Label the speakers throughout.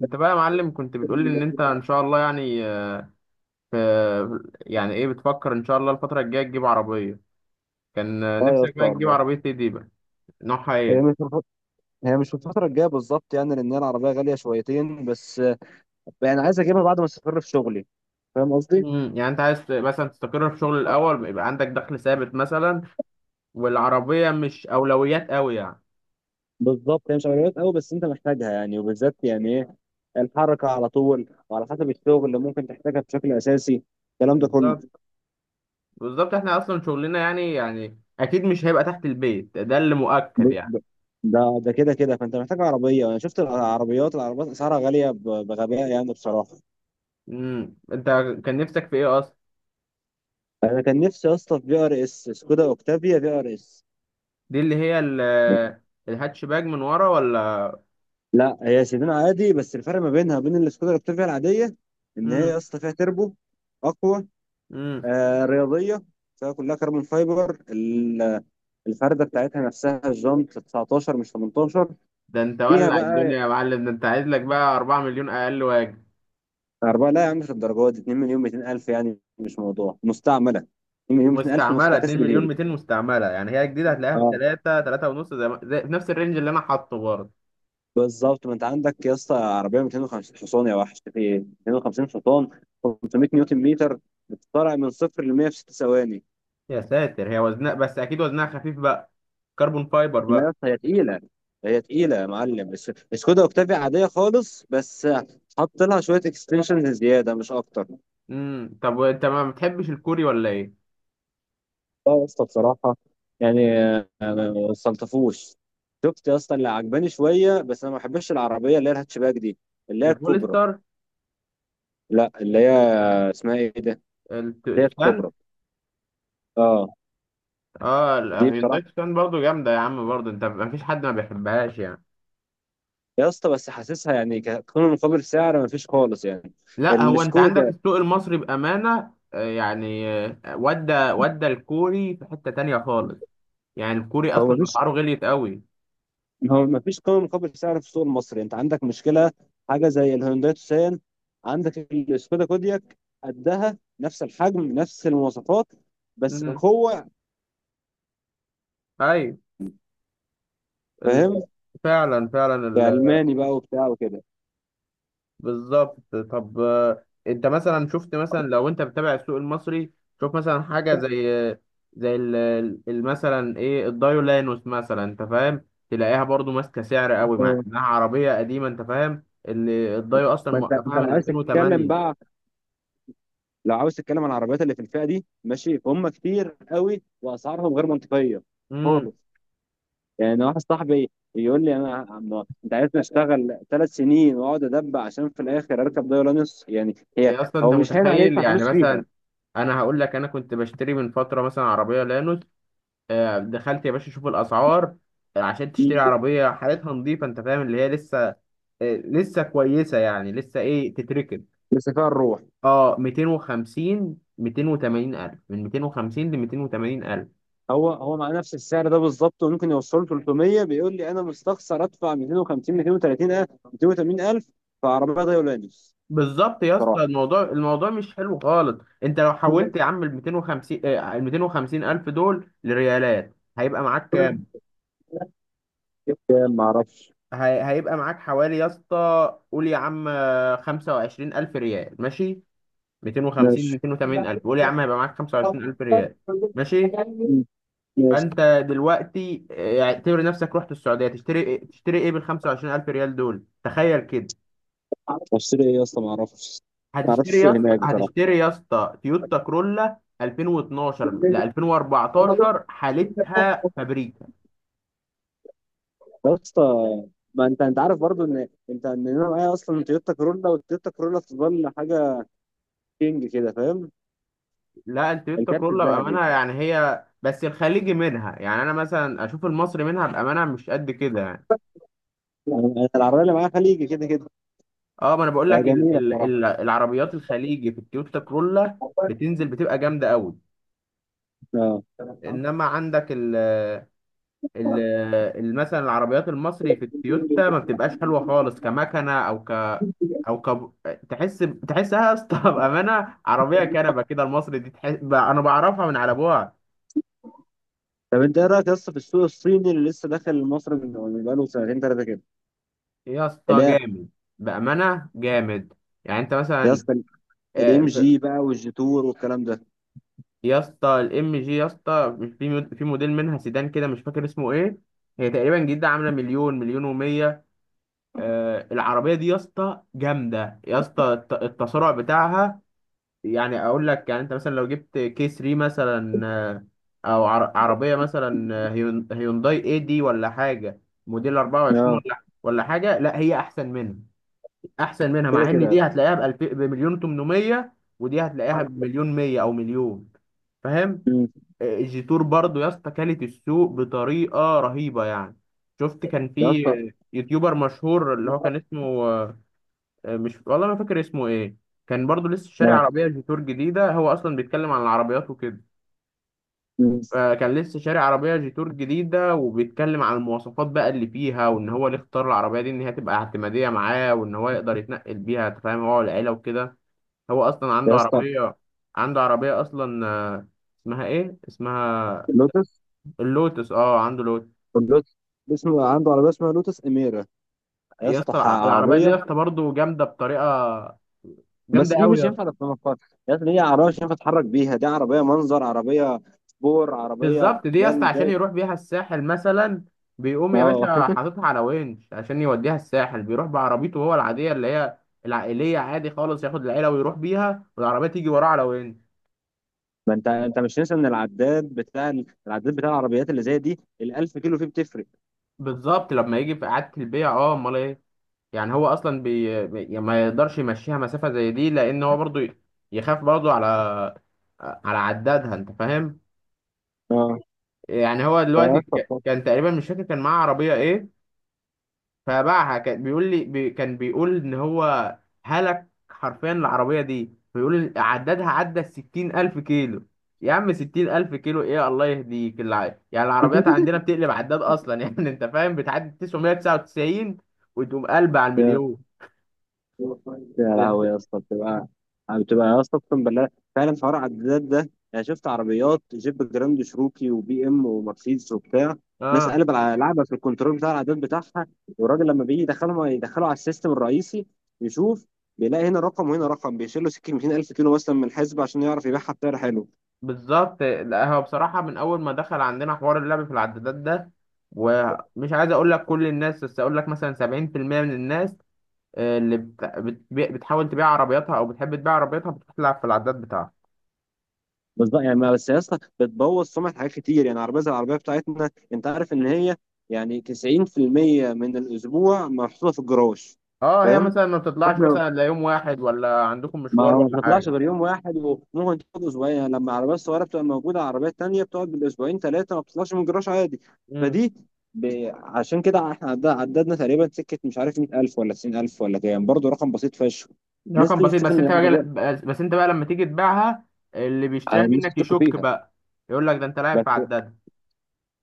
Speaker 1: انت بقى يا معلم، كنت بتقول لي ان انت ان شاء الله يعني في يعني ايه بتفكر ان شاء الله الفتره الجايه تجيب عربيه. كان
Speaker 2: اه يا
Speaker 1: نفسك
Speaker 2: اسطى
Speaker 1: بقى تجيب
Speaker 2: والله،
Speaker 1: عربيه ايه دي بقى؟ نوعها
Speaker 2: هي مش
Speaker 1: ايه؟
Speaker 2: في الف- هي مش في الفترة الجاية بالظبط يعني، لأن هي العربية غالية شويتين بس. يعني عايز أجيبها بعد ما أستقر في شغلي. فاهم قصدي؟
Speaker 1: يعني انت عايز مثلا تستقر في شغل الاول، يبقى عندك دخل ثابت مثلا والعربيه مش اولويات قوي يعني.
Speaker 2: بالظبط، هي مش عمليات قوي بس أنت محتاجها يعني، وبالذات يعني إيه، الحركة على طول وعلى حسب الشغل اللي ممكن تحتاجها بشكل أساسي. الكلام ده كله.
Speaker 1: بالظبط. بالظبط احنا اصلا شغلنا يعني اكيد مش هيبقى تحت البيت ده، اللي
Speaker 2: ب...
Speaker 1: مؤكد يعني.
Speaker 2: ب... ده كده كده، فأنت محتاج عربية. أنا شفت العربيات، العربيات أسعارها غالية بغباء يعني بصراحة.
Speaker 1: انت كان نفسك في ايه اصلا؟
Speaker 2: أنا كان نفسي يا اسطى في بي آر إس، سكودا أوكتافيا بي آر إس.
Speaker 1: دي اللي هي الهاتشباك من ورا ولا؟
Speaker 2: لا، هي سيدان عادي، بس الفرق ما بينها وبين السكودا الاكتافيا العاديه، ان هي يا اسطى فيها تربو اقوى،
Speaker 1: امم
Speaker 2: رياضيه، فيها كلها كربون فايبر. الفرده بتاعتها نفسها، الجنط 19 مش 18.
Speaker 1: ده انت
Speaker 2: فيها
Speaker 1: ولع
Speaker 2: بقى
Speaker 1: الدنيا يا معلم، ده انت عايز لك بقى 4 مليون اقل واجب.
Speaker 2: اربعه. لا يا عم مش الدرجات دي، 2 مليون 200 الف، يعني مش موضوع مستعمله. 2 مليون 200 الف
Speaker 1: مستعمله 2
Speaker 2: مستكسر
Speaker 1: مليون
Speaker 2: زيرو.
Speaker 1: 200 مستعمله؟ يعني هي جديده هتلاقيها ب
Speaker 2: اه
Speaker 1: 3 3 ونص زي, ما- زي في نفس الرينج اللي انا حاطه برضه.
Speaker 2: بالظبط، ما انت عندك يا اسطى عربيه 250 حصان، يا وحش في ايه. 250 حصان، 500 نيوتن متر، بتطلع من صفر ل 100 في 6 ثواني.
Speaker 1: يا ساتر، هي وزنها، بس اكيد وزنها خفيف بقى، كربون فايبر
Speaker 2: لا يا
Speaker 1: بقى.
Speaker 2: اسطى، هي تقيلة. هي تقيلة يا معلم، بس سكودا اوكتافيا عادية خالص، بس حط لها شوية اكستنشنز زيادة مش أكتر.
Speaker 1: طب وانت ما بتحبش الكوري ولا ايه؟
Speaker 2: لا يا اسطى بصراحة، يعني ما صلتفوش. شفت يا اسطى اللي عجباني شوية، بس أنا ما بحبش العربية اللي هي الهاتشباك دي، اللي هي الكوبرا.
Speaker 1: البوليستر؟
Speaker 2: لا اللي هي، اسمها إيه ده؟ اللي هي
Speaker 1: التوشان؟
Speaker 2: الكوبرا، اه.
Speaker 1: اه،
Speaker 2: دي بصراحة
Speaker 1: الهيونداي توشان برضه جامده يا عم، برضه انت ما فيش حد ما بيحبهاش يعني.
Speaker 2: يا اسطى، بس حاسسها يعني كقيمة مقابل سعر ما فيش خالص يعني.
Speaker 1: لا هو انت عندك
Speaker 2: السكودا،
Speaker 1: السوق المصري بامانه، يعني ودى الكوري في حته تانية خالص يعني. الكوري
Speaker 2: هو
Speaker 1: اصلا
Speaker 2: مفيش
Speaker 1: اسعاره غليت قوي.
Speaker 2: هو ما فيش قيمة مقابل سعر في السوق المصري، انت عندك مشكلة. حاجة زي الهونداي توسان، عندك السكودا كودياك، قدها نفس الحجم نفس المواصفات، بس
Speaker 1: امم
Speaker 2: كقوة،
Speaker 1: اي
Speaker 2: فاهم،
Speaker 1: فعلا، فعلا
Speaker 2: كألماني بقى وبتاع وكده.
Speaker 1: بالظبط. طب انت مثلا شفت، مثلا لو انت بتتابع السوق المصري شوف مثلا حاجه زي زي مثلا ايه الدايولانوس مثلا، انت فاهم؟ تلاقيها برضو ماسكه سعر قوي مع
Speaker 2: اه.
Speaker 1: انها عربيه قديمه، انت فاهم؟ اللي الدايو اصلا
Speaker 2: ما انت
Speaker 1: موقفها من 2008.
Speaker 2: لو عاوز تتكلم عن العربيات اللي في الفئة دي، ماشي، فهم كتير قوي واسعارهم غير منطقية خالص. يعني واحد صاحبي يقول لي، انت عايزني اشتغل ثلاث سنين واقعد ادب عشان في الاخر اركب دايلانس، يعني هي،
Speaker 1: يا اصلا
Speaker 2: هو
Speaker 1: انت
Speaker 2: مش هين عليه
Speaker 1: متخيل
Speaker 2: يدفع
Speaker 1: يعني،
Speaker 2: فلوس فيها
Speaker 1: مثلا انا هقول لك انا كنت بشتري من فتره مثلا عربيه لانوس. دخلت يا باشا اشوف الاسعار. عشان تشتري عربيه حالتها نظيفه، انت فاهم اللي هي لسه لسه كويسه يعني لسه ايه تتركب.
Speaker 2: بس فيها الروح.
Speaker 1: اه 250، 280 الف، من 250 ل 280 الف.
Speaker 2: هو مع نفس السعر ده بالظبط، وممكن يوصله 300. بيقول لي انا مستخسر ادفع 250، 230 الف، 280 الف في عربيه دايلانس،
Speaker 1: بالظبط يا
Speaker 2: صراحه.
Speaker 1: اسطى، الموضوع مش حلو خالص. انت لو حولت يا عم ال 250 الف دول لريالات هيبقى معاك،
Speaker 2: يعني ما اعرفش.
Speaker 1: هيبقى معاك حوالي يا اسطى، قول يا عم 25 ألف ريال ماشي. 250،
Speaker 2: ماشي
Speaker 1: 280 ألف، قول يا عم هيبقى معاك 25 ألف ريال، ماشي؟
Speaker 2: ماشي.
Speaker 1: فأنت دلوقتي اعتبر نفسك رحت السعودية تشتري تشتري إيه بالخمسة وعشرين ألف ريال دول، تخيل كده.
Speaker 2: اشتري ايه يا اسطى، ما اعرفش. ما اعرفش
Speaker 1: هتشتري يا
Speaker 2: السوق
Speaker 1: اسطى،
Speaker 2: هناك بصراحه.
Speaker 1: تويوتا كرولا 2012 ل
Speaker 2: يا
Speaker 1: 2014 حالتها فابريك.
Speaker 2: اسطى، ما انت عارف برضو، ان انت ان انا معايا اصلا تويوتا كورولا، والتويوتا كورولا تظل حاجه كينج كده، فاهم.
Speaker 1: لا التويوتا
Speaker 2: الكارت
Speaker 1: كورلا
Speaker 2: الذهبي.
Speaker 1: بأمانة، يعني هي بس الخليجي منها، يعني أنا مثلا أشوف المصري منها بأمانة مش قد كده يعني.
Speaker 2: يعني العربيه اللي معايا خليجي كده كده،
Speaker 1: أه ما أنا بقول لك ال
Speaker 2: جميله
Speaker 1: ال
Speaker 2: بصراحه.
Speaker 1: ال العربيات الخليجي في التويوتا كورلا بتنزل بتبقى جامدة أوي.
Speaker 2: اه.
Speaker 1: إنما عندك ال مثلا العربيات المصري في التويوتا ما بتبقاش حلوة خالص، كمكنة أو ك تحس تحسها يا اسطى بأمانة عربية كنبة كده المصري دي، تحس أنا بعرفها من على أبوها.
Speaker 2: طب انت ايه رايك يا اسطى في السوق الصيني اللي لسه داخل مصر من بقاله سنتين ثلاثه كده.
Speaker 1: يا
Speaker 2: اللي
Speaker 1: اسطى
Speaker 2: هي
Speaker 1: جامد، بأمانة جامد. يعني انت
Speaker 2: يا
Speaker 1: مثلا
Speaker 2: اسطى الام
Speaker 1: آه،
Speaker 2: جي بقى، والجيتور والكلام ده.
Speaker 1: يا اسطى الام جي، يا اسطى مش في في موديل منها سيدان كده، مش فاكر اسمه ايه. هي تقريبا جديده عامله مليون، مليون ومية. العربيه دي يا اسطى جامده، يا اسطى التسارع بتاعها. يعني اقول لك يعني انت مثلا لو جبت كي 3 مثلا، او عربيه مثلا هيونداي اي دي ولا حاجه موديل 24
Speaker 2: اه،
Speaker 1: ولا حاجه، لا هي احسن منها. احسن منها
Speaker 2: كده
Speaker 1: مع ان
Speaker 2: كده
Speaker 1: دي هتلاقيها بمليون 800 ودي
Speaker 2: يا
Speaker 1: هتلاقيها
Speaker 2: اسطى.
Speaker 1: بمليون 100 او مليون، فاهم؟
Speaker 2: مم.
Speaker 1: جيتور برضو يا اسطى كلت السوق بطريقه رهيبه يعني. شفت كان
Speaker 2: يا
Speaker 1: في
Speaker 2: اسطى.
Speaker 1: يوتيوبر مشهور اللي هو كان اسمه مش والله ما فاكر اسمه ايه. كان برضو لسه شاري
Speaker 2: اه.
Speaker 1: عربيه جيتور جديده، هو اصلا بيتكلم عن العربيات وكده.
Speaker 2: مم.
Speaker 1: فكان لسه شاري عربيه جيتور جديده وبيتكلم عن المواصفات بقى اللي فيها، وان هو اللي اختار العربيه دي ان هي تبقى اعتماديه معاه، وان هو يقدر يتنقل بيها أنت فاهم، هو والعيله وكده. هو اصلا
Speaker 2: يا
Speaker 1: عنده
Speaker 2: اسطى
Speaker 1: عربيه عنده عربيه اصلا اسمها ايه، اسمها
Speaker 2: لوتس،
Speaker 1: اللوتس، اه عنده لوتس.
Speaker 2: اللوتس. اسمه عنده عربيه اسمها لوتس اميره. يا
Speaker 1: يا
Speaker 2: اسطى،
Speaker 1: اسطى العربيه دي يا
Speaker 2: عربيه،
Speaker 1: اسطى برضه جامده بطريقه،
Speaker 2: بس
Speaker 1: جامده
Speaker 2: دي
Speaker 1: قوي
Speaker 2: مش
Speaker 1: يا اسطى.
Speaker 2: ينفع تصنفها فرد. يا اسطى دي عربيه مش ينفع تتحرك بيها، دي عربيه منظر، عربيه سبور، عربيه
Speaker 1: بالظبط، دي يا
Speaker 2: لا
Speaker 1: اسطى
Speaker 2: اللي
Speaker 1: عشان
Speaker 2: زي.
Speaker 1: يروح بيها الساحل مثلا، بيقوم يا
Speaker 2: اه
Speaker 1: باشا حاططها على ونش عشان يوديها الساحل، بيروح بعربيته هو العاديه اللي هي العائليه عادي خالص، ياخد العيله ويروح بيها والعربيه تيجي وراه على ونش.
Speaker 2: ما انت مش ننسى ان العداد بتاع، العربيات اللي زي دي ال 1000 كيلو فيه بتفرق.
Speaker 1: بالظبط، لما يجي في اعاده البيع اه، امال ايه. يعني هو اصلا يعني ما يقدرش يمشيها مسافه زي دي، لان هو برضه يخاف برضه على عدادها، انت فاهم.
Speaker 2: اه
Speaker 1: يعني هو دلوقتي كان تقريبا مش فاكر كان معاه عربية ايه فباعها، كان بيقول لي كان بيقول ان هو هلك حرفيا العربية دي، بيقول عددها عدى الـ60 ألف كيلو. يا عم 60 ألف كيلو، ايه الله يهديك يعني العربيات عندنا بتقلب عداد أصلا يعني أنت فاهم، بتعدي 999 وتقوم قلب على
Speaker 2: يا
Speaker 1: المليون.
Speaker 2: يا
Speaker 1: ده انت
Speaker 2: لهوي يا اسطى بتبقى، يا اسطى اقسم بالله، فعلا حوار العدادات ده. انا شفت عربيات جيب جراند شروكي وبي ام ومرسيدس وبتاع ناس
Speaker 1: اه
Speaker 2: قلب على لعبه في الكنترول بتاع العداد بتاعها، والراجل لما بيجي يدخله على السيستم الرئيسي، يشوف، بيلاقي هنا رقم وهنا رقم، بيشيل له سكه 200000 كيلو مثلا من الحزب عشان يعرف يبيعها بسعر حلو.
Speaker 1: بالظبط. لا هو بصراحة من أول ما دخل عندنا حوار اللعب في العدادات ده، ومش عايز أقول لك كل الناس، بس أقول لك مثلا 70% من الناس اللي بتحاول تبيع عربياتها أو بتحب تبيع عربياتها بتروح تلعب في العداد بتاعها.
Speaker 2: بالظبط يعني بس يا اسطى بتبوظ سمعه حاجات كتير، يعني عربيه زي العربيه بتاعتنا، انت عارف ان هي يعني 90% من الاسبوع محطوطه في الجراج،
Speaker 1: أه هي
Speaker 2: فاهم.
Speaker 1: مثلا ما بتطلعش
Speaker 2: واحنا
Speaker 1: مثلا إلا يوم واحد، ولا عندكم
Speaker 2: ما
Speaker 1: مشوار
Speaker 2: ما
Speaker 1: ولا
Speaker 2: بتطلعش
Speaker 1: حاجة.
Speaker 2: غير يوم واحد، وممكن تقعد اسبوعين، يعني لما عربيات صغيره بتبقى موجوده، عربيات تانية بتقعد بالاسبوعين ثلاثه ما بتطلعش من الجراج عادي.
Speaker 1: امم
Speaker 2: فدي ب... عشان كده احنا عددنا تقريبا سكه، مش عارف 100000 ولا 90000 ولا كام، برضه رقم بسيط فشخ. الناس
Speaker 1: رقم
Speaker 2: تيجي
Speaker 1: بسيط،
Speaker 2: تشوف
Speaker 1: بس
Speaker 2: ان
Speaker 1: أنت بقى،
Speaker 2: العربيه،
Speaker 1: بس أنت بقى لما تيجي تبيعها اللي بيشتريها
Speaker 2: الناس
Speaker 1: منك
Speaker 2: تشك
Speaker 1: يشك
Speaker 2: فيها.
Speaker 1: بقى، يقول لك ده أنت لاعب
Speaker 2: بس
Speaker 1: في عداد.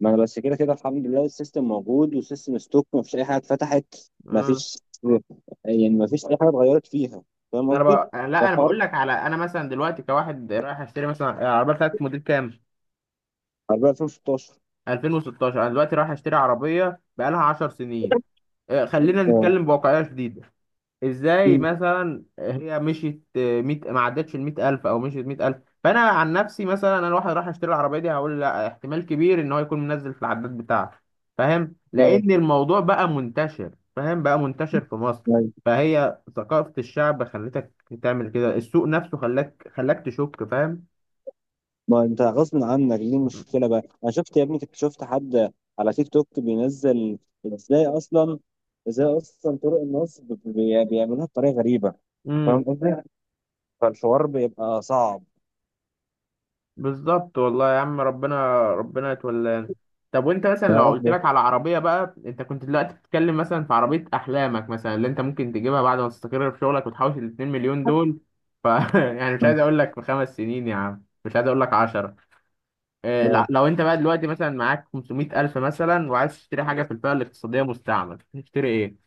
Speaker 2: ما انا بس كده كده الحمد لله، السيستم موجود، والسيستم ستوك ما فيش اي حاجه اتفتحت. ما
Speaker 1: آه.
Speaker 2: فيش يعني ما فيش اي حاجه اتغيرت فيها. فاهم قصدي؟
Speaker 1: لا انا
Speaker 2: فالحوار،
Speaker 1: بقول لك على، انا مثلا دلوقتي كواحد رايح اشتري مثلا العربيه، بتاعت موديل كام؟
Speaker 2: عربيه 2016.
Speaker 1: 2016. انا دلوقتي رايح اشتري عربيه بقالها 10 سنين، خلينا
Speaker 2: اه.
Speaker 1: نتكلم بواقعيه شديده. ازاي
Speaker 2: أمم.
Speaker 1: مثلا هي مشيت ميت ما عدتش ال 100000 او مشيت 100000؟ فانا عن نفسي مثلا، انا واحد راح اشتري العربيه دي هقول لا، احتمال كبير ان هو يكون منزل في العداد بتاعته، فاهم؟
Speaker 2: اه.
Speaker 1: لان الموضوع بقى منتشر، فاهم؟ بقى منتشر في مصر. فهي ثقافه الشعب خلتك تعمل كده، السوق نفسه خلاك تشك، فاهم.
Speaker 2: ما انت غصب عنك دي المشكله بقى. انا شفت يا ابني، شفت حد على تيك توك بينزل، ازاي اصلا، ازاي اصلا طرق النصب بيعملوها بطريقه غريبه.
Speaker 1: امم.
Speaker 2: فاهم قصدي. فالحوار بيبقى صعب.
Speaker 1: بالظبط والله يا عم، ربنا ربنا يتولانا. طب وانت مثلا
Speaker 2: يا
Speaker 1: لو
Speaker 2: رب
Speaker 1: قلت
Speaker 2: يا
Speaker 1: لك على عربيه بقى، انت كنت دلوقتي بتتكلم مثلا في عربيه احلامك مثلا اللي انت ممكن تجيبها بعد ما تستقر في شغلك وتحوش ال 2 مليون دول. ف يعني مش عايز اقول لك في 5 سنين يا عم، مش عايز اقول لك 10. إيه لا،
Speaker 2: رب.
Speaker 1: لو انت بقى دلوقتي مثلا معاك 500000 مثلا وعايز تشتري حاجه في الفئه الاقتصاديه مستعمل تشتري ايه؟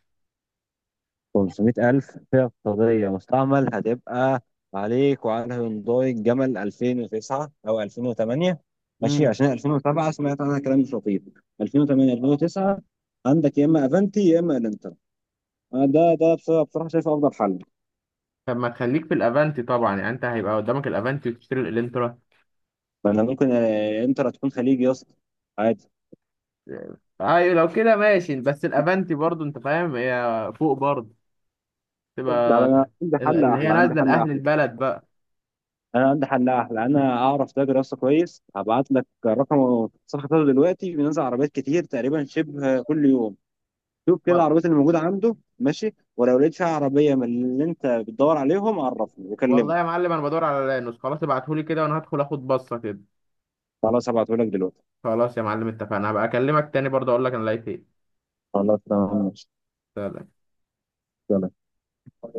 Speaker 2: 500000 فئه اقتصاديه مستعمل. هتبقى عليك وعلى هيونداي الجمل 2009 او 2008، ماشي.
Speaker 1: امم
Speaker 2: عشان 2007 سمعت عنها كلام مش لطيف. 2008، 2009 عندك، يا اما افنتي يا اما الانتر. أنا ده بصراحه شايفه افضل حل.
Speaker 1: طب ما تخليك في الافانتي طبعا، يعني انت هيبقى قدامك الافانتي وتشتري الالنترا.
Speaker 2: لان ممكن، انتر هتكون خليجي يا اسطى عادي.
Speaker 1: ايوه لو كده ماشي، بس الافنتي برضو انت فاهم هي فوق برضو،
Speaker 2: طب
Speaker 1: تبقى
Speaker 2: انا عندي حل
Speaker 1: اللي هي
Speaker 2: احلى، عندي
Speaker 1: نازله
Speaker 2: حل
Speaker 1: لاهل
Speaker 2: احلى،
Speaker 1: البلد بقى.
Speaker 2: انا عندي حل احلى. انا اعرف تاجر يا اسطى كويس، هبعت لك رقم صفحه بتاعته، دلوقتي بينزل عربيات كتير تقريبا شبه كل يوم. شوف كده
Speaker 1: وال-
Speaker 2: العربيات اللي موجوده عنده، ماشي. ولو لقيت فيها عربيه من اللي انت بتدور عليهم عرفني وكلمه.
Speaker 1: والله يا معلم انا بدور على لانوس، خلاص ابعتهولي كده وانا هدخل اخد بصه كده.
Speaker 2: خلاص هبعته لك دلوقتي.
Speaker 1: خلاص يا معلم اتفقنا، هبقى اكلمك تاني برضو اقول لك انا لقيت ايه.
Speaker 2: خلاص تمام ماشي.
Speaker 1: سلام.
Speaker 2: يلا.